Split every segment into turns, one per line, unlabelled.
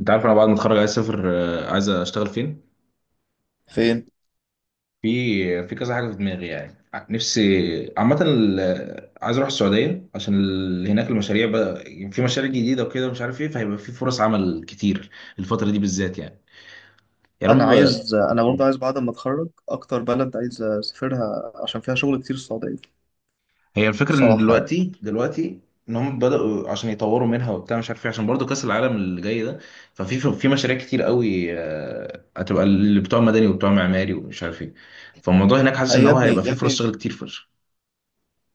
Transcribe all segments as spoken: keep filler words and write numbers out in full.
انت عارف انا بعد ما اتخرج عايز اسافر آه، عايز اشتغل فين.
فين؟
في في كذا حاجه في دماغي يعني ع- نفسي عامه ال- آه، عايز اروح السعوديه عشان ال- هناك المشاريع بقى. في مشاريع جديده وكده ومش عارف ايه، فهيبقى في فرص عمل كتير الفتره دي بالذات يعني. يا رب.
انا عايز انا برضه عايز بعد ما اتخرج اكتر بلد عايز اسافرها عشان فيها شغل كتير السعوديه،
هي الفكره ان
صراحه يعني.
دلوقتي دلوقتي ان هم بداوا عشان يطوروا منها وبتاع، مش عارف ايه، عشان برضو كاس العالم اللي جاي ده. ففي في مشاريع كتير قوي، آه، هتبقى اللي بتوع مدني وبتوع معماري ومش عارف ايه. فالموضوع هناك حاسس
اي
ان
يا
هو
ابني
هيبقى
يا
فيه فرص
ابني،
شغل كتير.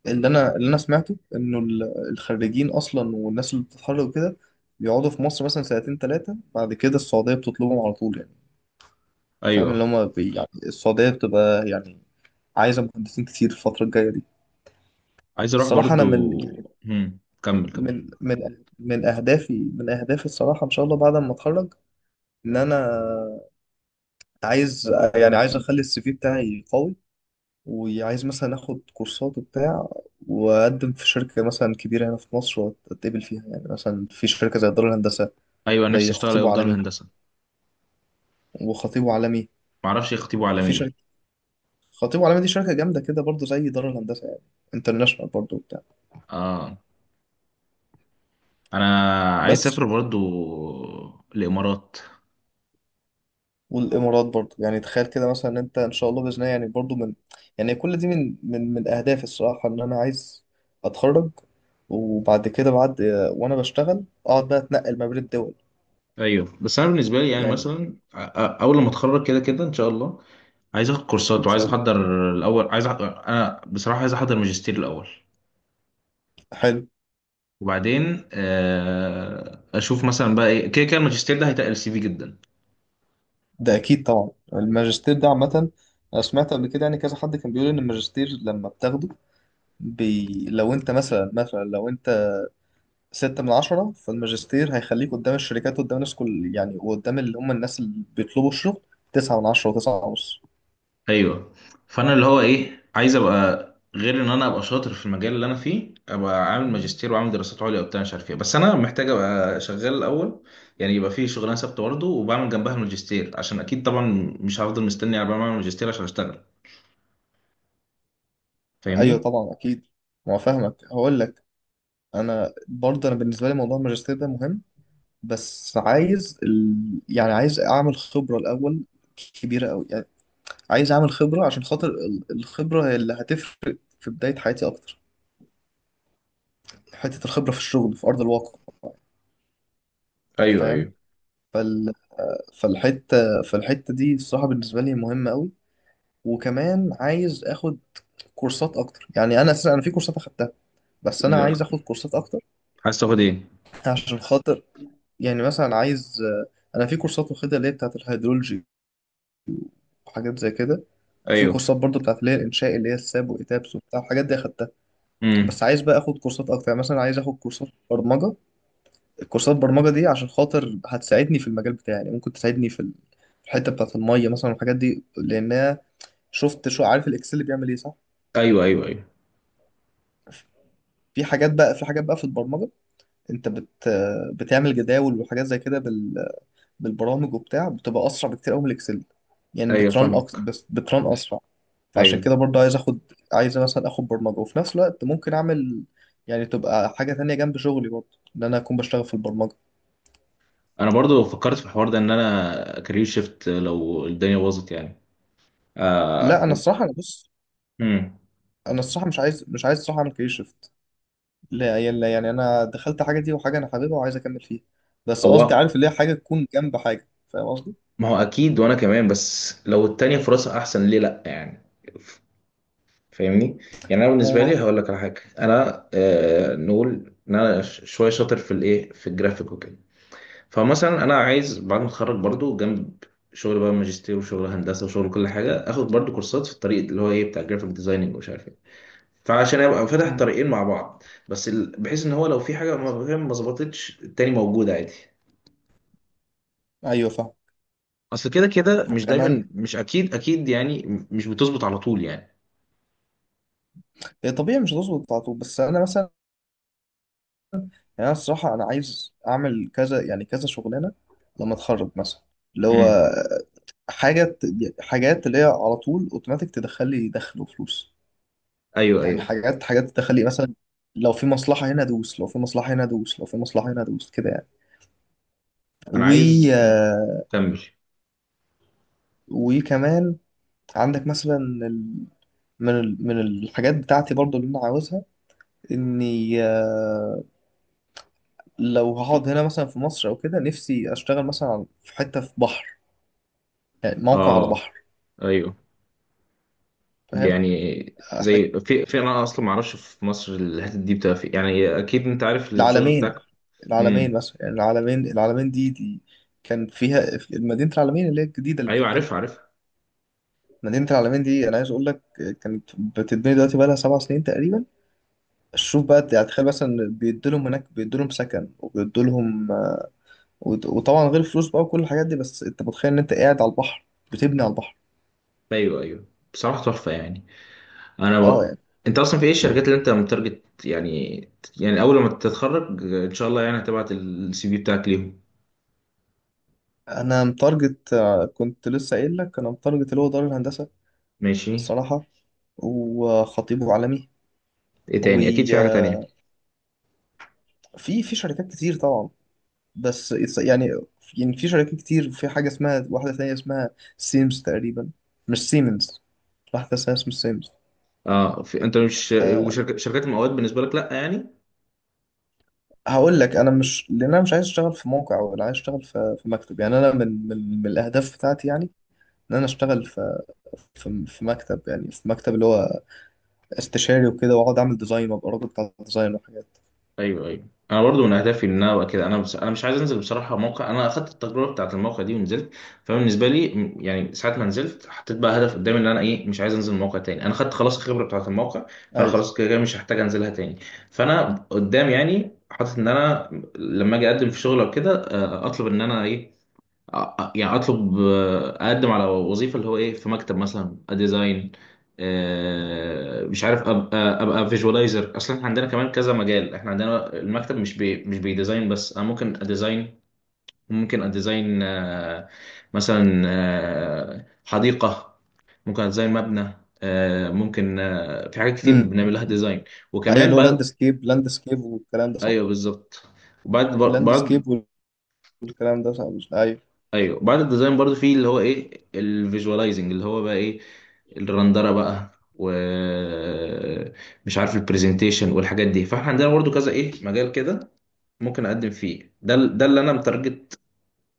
اللي انا اللي انا سمعته انه ال- الخريجين اصلا والناس اللي بتتخرج وكده بيقعدوا في مصر مثلا سنتين ثلاثه، بعد كده السعوديه بتطلبهم على طول يعني. فاهم؟
ايوه،
اللي هم بي يعني السعوديه بتبقى يعني عايزه مهندسين كتير الفتره الجايه دي.
عايز اروح
الصراحه انا
برضو.
من يعني
هم. كمل كمل.
من من من اهدافي من اهدافي الصراحه ان شاء الله بعد ما اتخرج ان انا عايز، يعني عايز اخلي السي في بتاعي قوي، وعايز مثلا اخد كورسات وبتاع، واقدم في شركه مثلا كبيره هنا في مصر واتقبل فيها، يعني مثلا في شركه زي دار الهندسه،
ايوه، نفسي
زي
اشتغل
خطيب
ايه في دار
وعالمي.
الهندسه.
وخطيب وعالمي
معرفش ايه خطيبه على
في
ايه.
شركه خطيب وعالمي، دي شركه جامده كده برضو زي دار الهندسه يعني، انترناشونال برضو وبتاع
اه، انا عايز
بس.
اسافر برضو الامارات.
والامارات برضه، يعني تخيل كده مثلا إن انت ان شاء الله باذن الله، يعني برضه من، يعني كل دي من من من اهدافي الصراحه ان انا عايز اتخرج وبعد كده بعد، وانا بشتغل اقعد بقى اتنقل ما بين الدول
ايوه، بس انا بالنسبه لي يعني
يعني، ان
مثلا أ- أ- اول لما اتخرج كده كده ان شاء الله، عايز اخد كورسات وعايز
شاء الله.
احضر الاول. عايز أح... انا بصراحه عايز احضر ماجستير الاول،
حلو.
وبعدين آه، اشوف مثلا بقى ايه. كده كده الماجستير ده هيتقل سي في جدا.
ده اكيد طبعا الماجستير ده عامه. انا سمعت قبل كده يعني كذا حد كان بيقول ان الماجستير لما بتاخده، بي... لو انت مثلا مثلا لو انت ستة من عشرة، فالماجستير هيخليك قدام الشركات، قدام الناس كل يعني، وقدام اللي هم الناس اللي بيطلبوا الشغل، تسعة من عشرة وتسعة ونص.
ايوه. فانا اللي هو ايه، عايز ابقى غير ان انا ابقى شاطر في المجال اللي انا فيه، ابقى عامل ماجستير وعامل دراسات عليا وبتاع مش عارف ايه، بس انا محتاج ابقى شغال الاول. يعني يبقى في شغلانه ثابته برضه وبعمل جنبها الماجستير، عشان اكيد طبعا مش هفضل مستني على ما اعمل ماجستير عشان اشتغل.
ايوه
فاهمني؟
طبعا اكيد، ما هو فاهمك. هقول لك، انا برضه انا بالنسبه لي موضوع الماجستير ده مهم، بس عايز ال... يعني عايز اعمل خبره الاول، كبيره قوي يعني. عايز اعمل خبره عشان خاطر ال- الخبره هي اللي هتفرق في بدايه حياتي اكتر، حته الخبره في الشغل في ارض الواقع.
ايوه
فاهم؟
ايوه.
فال... فالحته فالحته دي الصراحه بالنسبه لي مهمه قوي. وكمان عايز اخد كورسات اكتر. يعني انا اساسا انا في كورسات اخدتها، بس انا
لا،
عايز اخد كورسات اكتر،
عايز تاخد ايه؟
عشان خاطر يعني. مثلا عايز، انا في كورسات واخدها اللي هي بتاعت الهيدرولوجي وحاجات زي كده. في
ايوه.
كورسات برضو بتاعت اللي هي الانشاء، اللي هي الساب واتابس وبتاع الحاجات دي اخدتها.
امم.
بس عايز بقى اخد كورسات اكتر، يعني مثلا عايز اخد كورسات برمجه. الكورسات برمجه دي عشان خاطر هتساعدني في المجال بتاعي، يعني ممكن تساعدني في ال- في الحته بتاعت الميه مثلا والحاجات دي، لانها، شفت شو عارف الاكسل بيعمل ايه، صح؟
ايوه ايوه ايوه.
في حاجات بقى، في حاجات بقى في البرمجه، انت بت بتعمل جداول وحاجات زي كده بالبرامج وبتاع، بتبقى اسرع بكتير قوي من الاكسل. يعني
ايوه
بترن أكس...
فاهمك.
بس بترن اسرع. فعشان
ايوه،
كده برضه عايز اخد، عايز مثلا اخد برمجه، وفي نفس الوقت ممكن اعمل، يعني تبقى حاجه تانية جنب شغلي برضه، ان انا اكون بشتغل في البرمجه.
انا برضو فكرت في الحوار ده ان انا كارير شيفت لو الدنيا باظت يعني.
لا انا
آه.
الصراحه انا بص،
امم.
انا الصراحه مش عايز مش عايز الصراحه اعمل كارير شيفت. لا يعني، لا، يعني انا دخلت حاجه دي وحاجه انا حاببها وعايز اكمل فيها، بس قصدي
هو
عارف اللي هي حاجه تكون جنب حاجه. فاهم قصدي؟
ما هو اكيد، وانا كمان، بس لو التانية فرصة احسن ليه لا يعني. ف- فاهمني. يعني انا
ما
بالنسبة لي
هو.
هقول لك على حاجة. انا آه نقول ان انا ش- شوية شاطر في الايه في الجرافيك وكده. فمثلا انا عايز بعد ما اتخرج، برضو جنب شغل بقى ماجستير وشغل هندسة وشغل كل حاجة، اخد برضو كورسات في الطريق اللي هو ايه بتاع الجرافيك ديزايننج ومش عارف ايه. فعشان ابقى فاتح
مم.
طريقين مع بعض، بس ال... بحيث ان هو لو في حاجة ما فاهم ما ظبطتش، التاني موجود عادي.
ايوه فاهم.
اصل كده كده مش
وكمان،
دايما، مش اكيد اكيد يعني. مش بتظبط على طول يعني.
هي طبيعي مش هتظبط على طول، بس انا مثلا يعني، أنا الصراحة أنا عايز أعمل كذا، يعني كذا شغلانة لما أتخرج مثلا، اللي
امم.
هو حاجة ت- حاجات اللي هي على طول أوتوماتيك تدخل لي دخل وفلوس،
ايوه
يعني
ايوه.
حاجات حاجات تدخل لي. مثلا لو في مصلحة هنا أدوس، لو في مصلحة هنا أدوس، لو في مصلحة هنا أدوس، كده يعني.
انا
و،
عايز
آه،
كمل.
وكمان عندك مثلا ال- من ال- من الحاجات بتاعتي برضو اللي أنا عاوزها، إني آه، لو هقعد هنا مثلا في مصر أو كده، نفسي أشتغل مثلا في حتة في بحر، يعني موقع على
اه
بحر.
ايوه.
فاهم؟
يعني
حت-
زي في في انا اصلا ما اعرفش في مصر الحتت دي بتبقى في، يعني اكيد انت عارف الشغل
العالمين
بتاعك.
العالمين
امم.
مثلا، يعني العالمين العالمين دي دي كان فيها، في مدينة العالمين اللي هي الجديدة اللي
ايوه
بتتبني.
عارفها عارفها.
مدينة العالمين دي أنا عايز أقول لك، كانت بتتبني دلوقتي بقى لها سبع سنين تقريبا. شوف بقى، يعني تخيل مثلا، بيدوا لهم هناك، بيدوا لهم سكن، وبيدوا لهم، وط- وطبعا غير فلوس بقى وكل الحاجات دي، بس أنت متخيل إن أنت قاعد على البحر، بتبني على البحر.
ايوه ايوه، بصراحه تحفه يعني. انا
أه
و...
يعني.
انت اصلا في ايه الشركات اللي انت متارجت يعني؟ يعني اول ما تتخرج ان شاء الله، يعني هتبعت السي في بتاعك ليهم.
أنا متارجت، آه، كنت لسه قايل لك، أنا متارجت اللي هو دار الهندسة
ماشي.
الصراحة، وخطيبه
ايه تاني؟ اكيد
عالمي.
في حاجه تانية.
في في شركات كتير طبعا، بس it's- يعني، يعني في شركات كتير، في حاجة اسمها، واحدة ثانية اسمها سيمز تقريبا، مش سيمنز، واحدة ثانية اسمها سيمز.
اه، في، انت مش
أه
وشركات المقاولات بالنسبه لك لا يعني؟
هقول لك، انا مش، لان انا مش عايز اشتغل في موقع، ولا عايز اشتغل في في مكتب. يعني انا من من, من الاهداف بتاعتي، يعني ان انا اشتغل في، في في مكتب، يعني في مكتب اللي هو استشاري وكده، واقعد اعمل ديزاين وابقى الراجل بتاع الديزاين وحاجات.
ايوه ايوه، انا برضو من اهدافي ان انا ابقى كده. انا بس انا مش عايز انزل بصراحه موقع. انا اخدت التجربه بتاعت الموقع دي ونزلت. فبالنسبه لي م- يعني ساعه ما نزلت، حطيت بقى هدف قدامي ان انا ايه، مش عايز انزل موقع تاني. انا خدت خلاص الخبره بتاعت الموقع، فانا
ايوه.
خلاص كده كده مش هحتاج انزلها تاني. فانا قدام يعني حاطط ان انا لما اجي اقدم في شغل او كده، آه، اطلب ان انا ايه، أ- يعني اطلب، آه، اقدم على وظيفه اللي هو ايه في مكتب مثلا ديزاين. مش عارف، ابقى ابقى فيجوالايزر. اصلا احنا عندنا كمان كذا مجال، احنا عندنا المكتب مش بي مش بيديزاين بس. انا ممكن اديزاين ممكن اديزاين آه، مثلا آه، حديقه. ممكن اديزاين مبنى. آه، ممكن آه، في حاجات كتير
امم.
بنعمل لها ديزاين،
ايوه
وكمان
اللي هو لاند
بعد.
سكيب، لاند سكيب، والكلام ده صح.
ايوه بالظبط. وبعد
لاند
بعد
سكيب، والكلام ده صح. ايوه.
ايوه، بعد الديزاين برضو في اللي هو ايه الفيجوالايزنج، اللي هو بقى ايه الرندره بقى، ومش عارف البرزنتيشن والحاجات دي. فاحنا عندنا برضو كذا ايه مجال كده، ممكن اقدم فيه. ده ال- ده اللي انا متارجت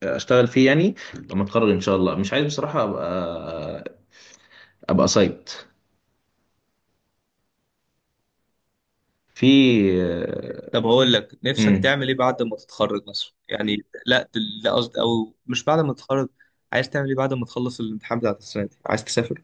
اشتغل فيه يعني لما اتخرج ان شاء الله. مش عايز بصراحه ابقى ابقى سايت في.
طب اقول لك، نفسك
امم.
تعمل ايه بعد ما تتخرج مثلا يعني، لا دل- لا قصدي، او مش بعد ما تتخرج، عايز تعمل ايه بعد ما تخلص الامتحان بتاع السنه دي؟ عايز تسافر؟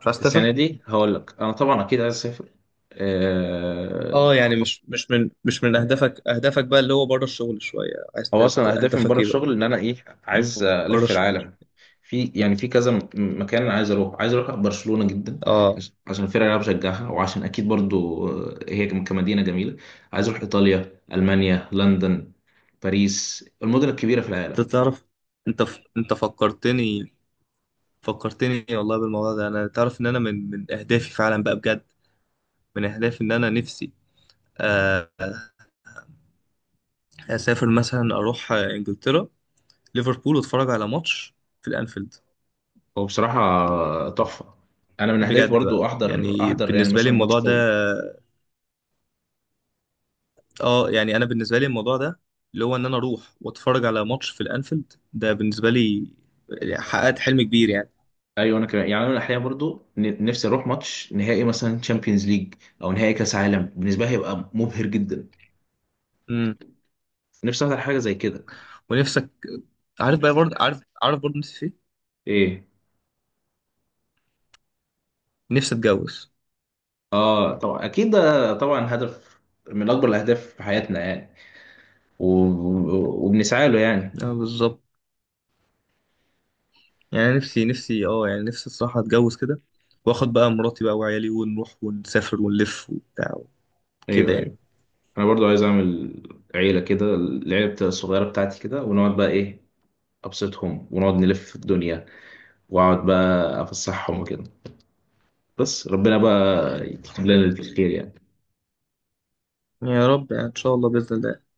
مش عايز
السنه
تسافر؟
دي هقول لك انا طبعا اكيد عايز اسافر. آه.
اه يعني، مش مش من مش من اهدافك، اهدافك بقى اللي هو بره الشغل شويه عايز ت-
هو
ت-
اصلا اهدافي من
اهدافك
بره
ايه بقى
الشغل ان انا ايه، عايز
بره
الف
الشغل؟
العالم. في يعني في كذا م- مكان أنا عايز اروح عايز اروح برشلونه جدا،
اه.
عش- عشان الفرقه اللي انا بشجعها، وعشان اكيد برضو آه، هي كم- كمدينه جميله. عايز اروح ايطاليا، المانيا، لندن، باريس، المدن الكبيره في العالم.
انت تعرف، انت ف... انت فكرتني، فكرتني والله بالموضوع ده. انا تعرف ان انا من من اهدافي فعلا بقى، بجد من اهدافي ان انا نفسي، آه، اسافر مثلا، اروح آه، انجلترا، ليفربول واتفرج على ماتش في الانفيلد.
وبصراحه آه، تحفه. انا من اهدافي
بجد
برضو
بقى،
احضر
يعني
احضر يعني
بالنسبه لي
مثلا ماتش
الموضوع ده،
قوي.
اه يعني انا بالنسبه لي الموضوع ده اللي هو ان انا اروح واتفرج على ماتش في الانفيلد ده، بالنسبه لي يعني حققت حلم كبير يعني.
ايوه انا كمان يعني، انا احيانا برضو ن- نفسي اروح ماتش نهائي مثلا تشامبيونز ليج، او نهائي كاس عالم. بالنسبه لي هيبقى مبهر جدا.
امم.
نفسي احضر حاجه زي كده.
ونفسك، عارف بقى برضه؟ عارف عارف برضه نفسي في ايه؟
ايه؟
نفسي اتجوز.
اه طبعا اكيد ده. طبعا هدف من اكبر الاهداف في حياتنا يعني، و... و- وبنسعى له يعني.
اه بالظبط. يعني أنا نفسي نفسي اه، يعني نفسي الصراحه اتجوز كده، واخد بقى مراتي بقى وعيالي، ونروح ونسافر ونلف وبتاع كده
ايوه
يعني.
ايوه، انا برضو عايز اعمل عيله كده، العيله بتا- الصغيره بتاعتي كده. ونقعد بقى ايه، ابسطهم ونقعد نلف الدنيا، واقعد بقى افسحهم وكده. بس ربنا بقى يكتب لنا الخير يعني.
يا رب يعني ان شاء الله باذن الله.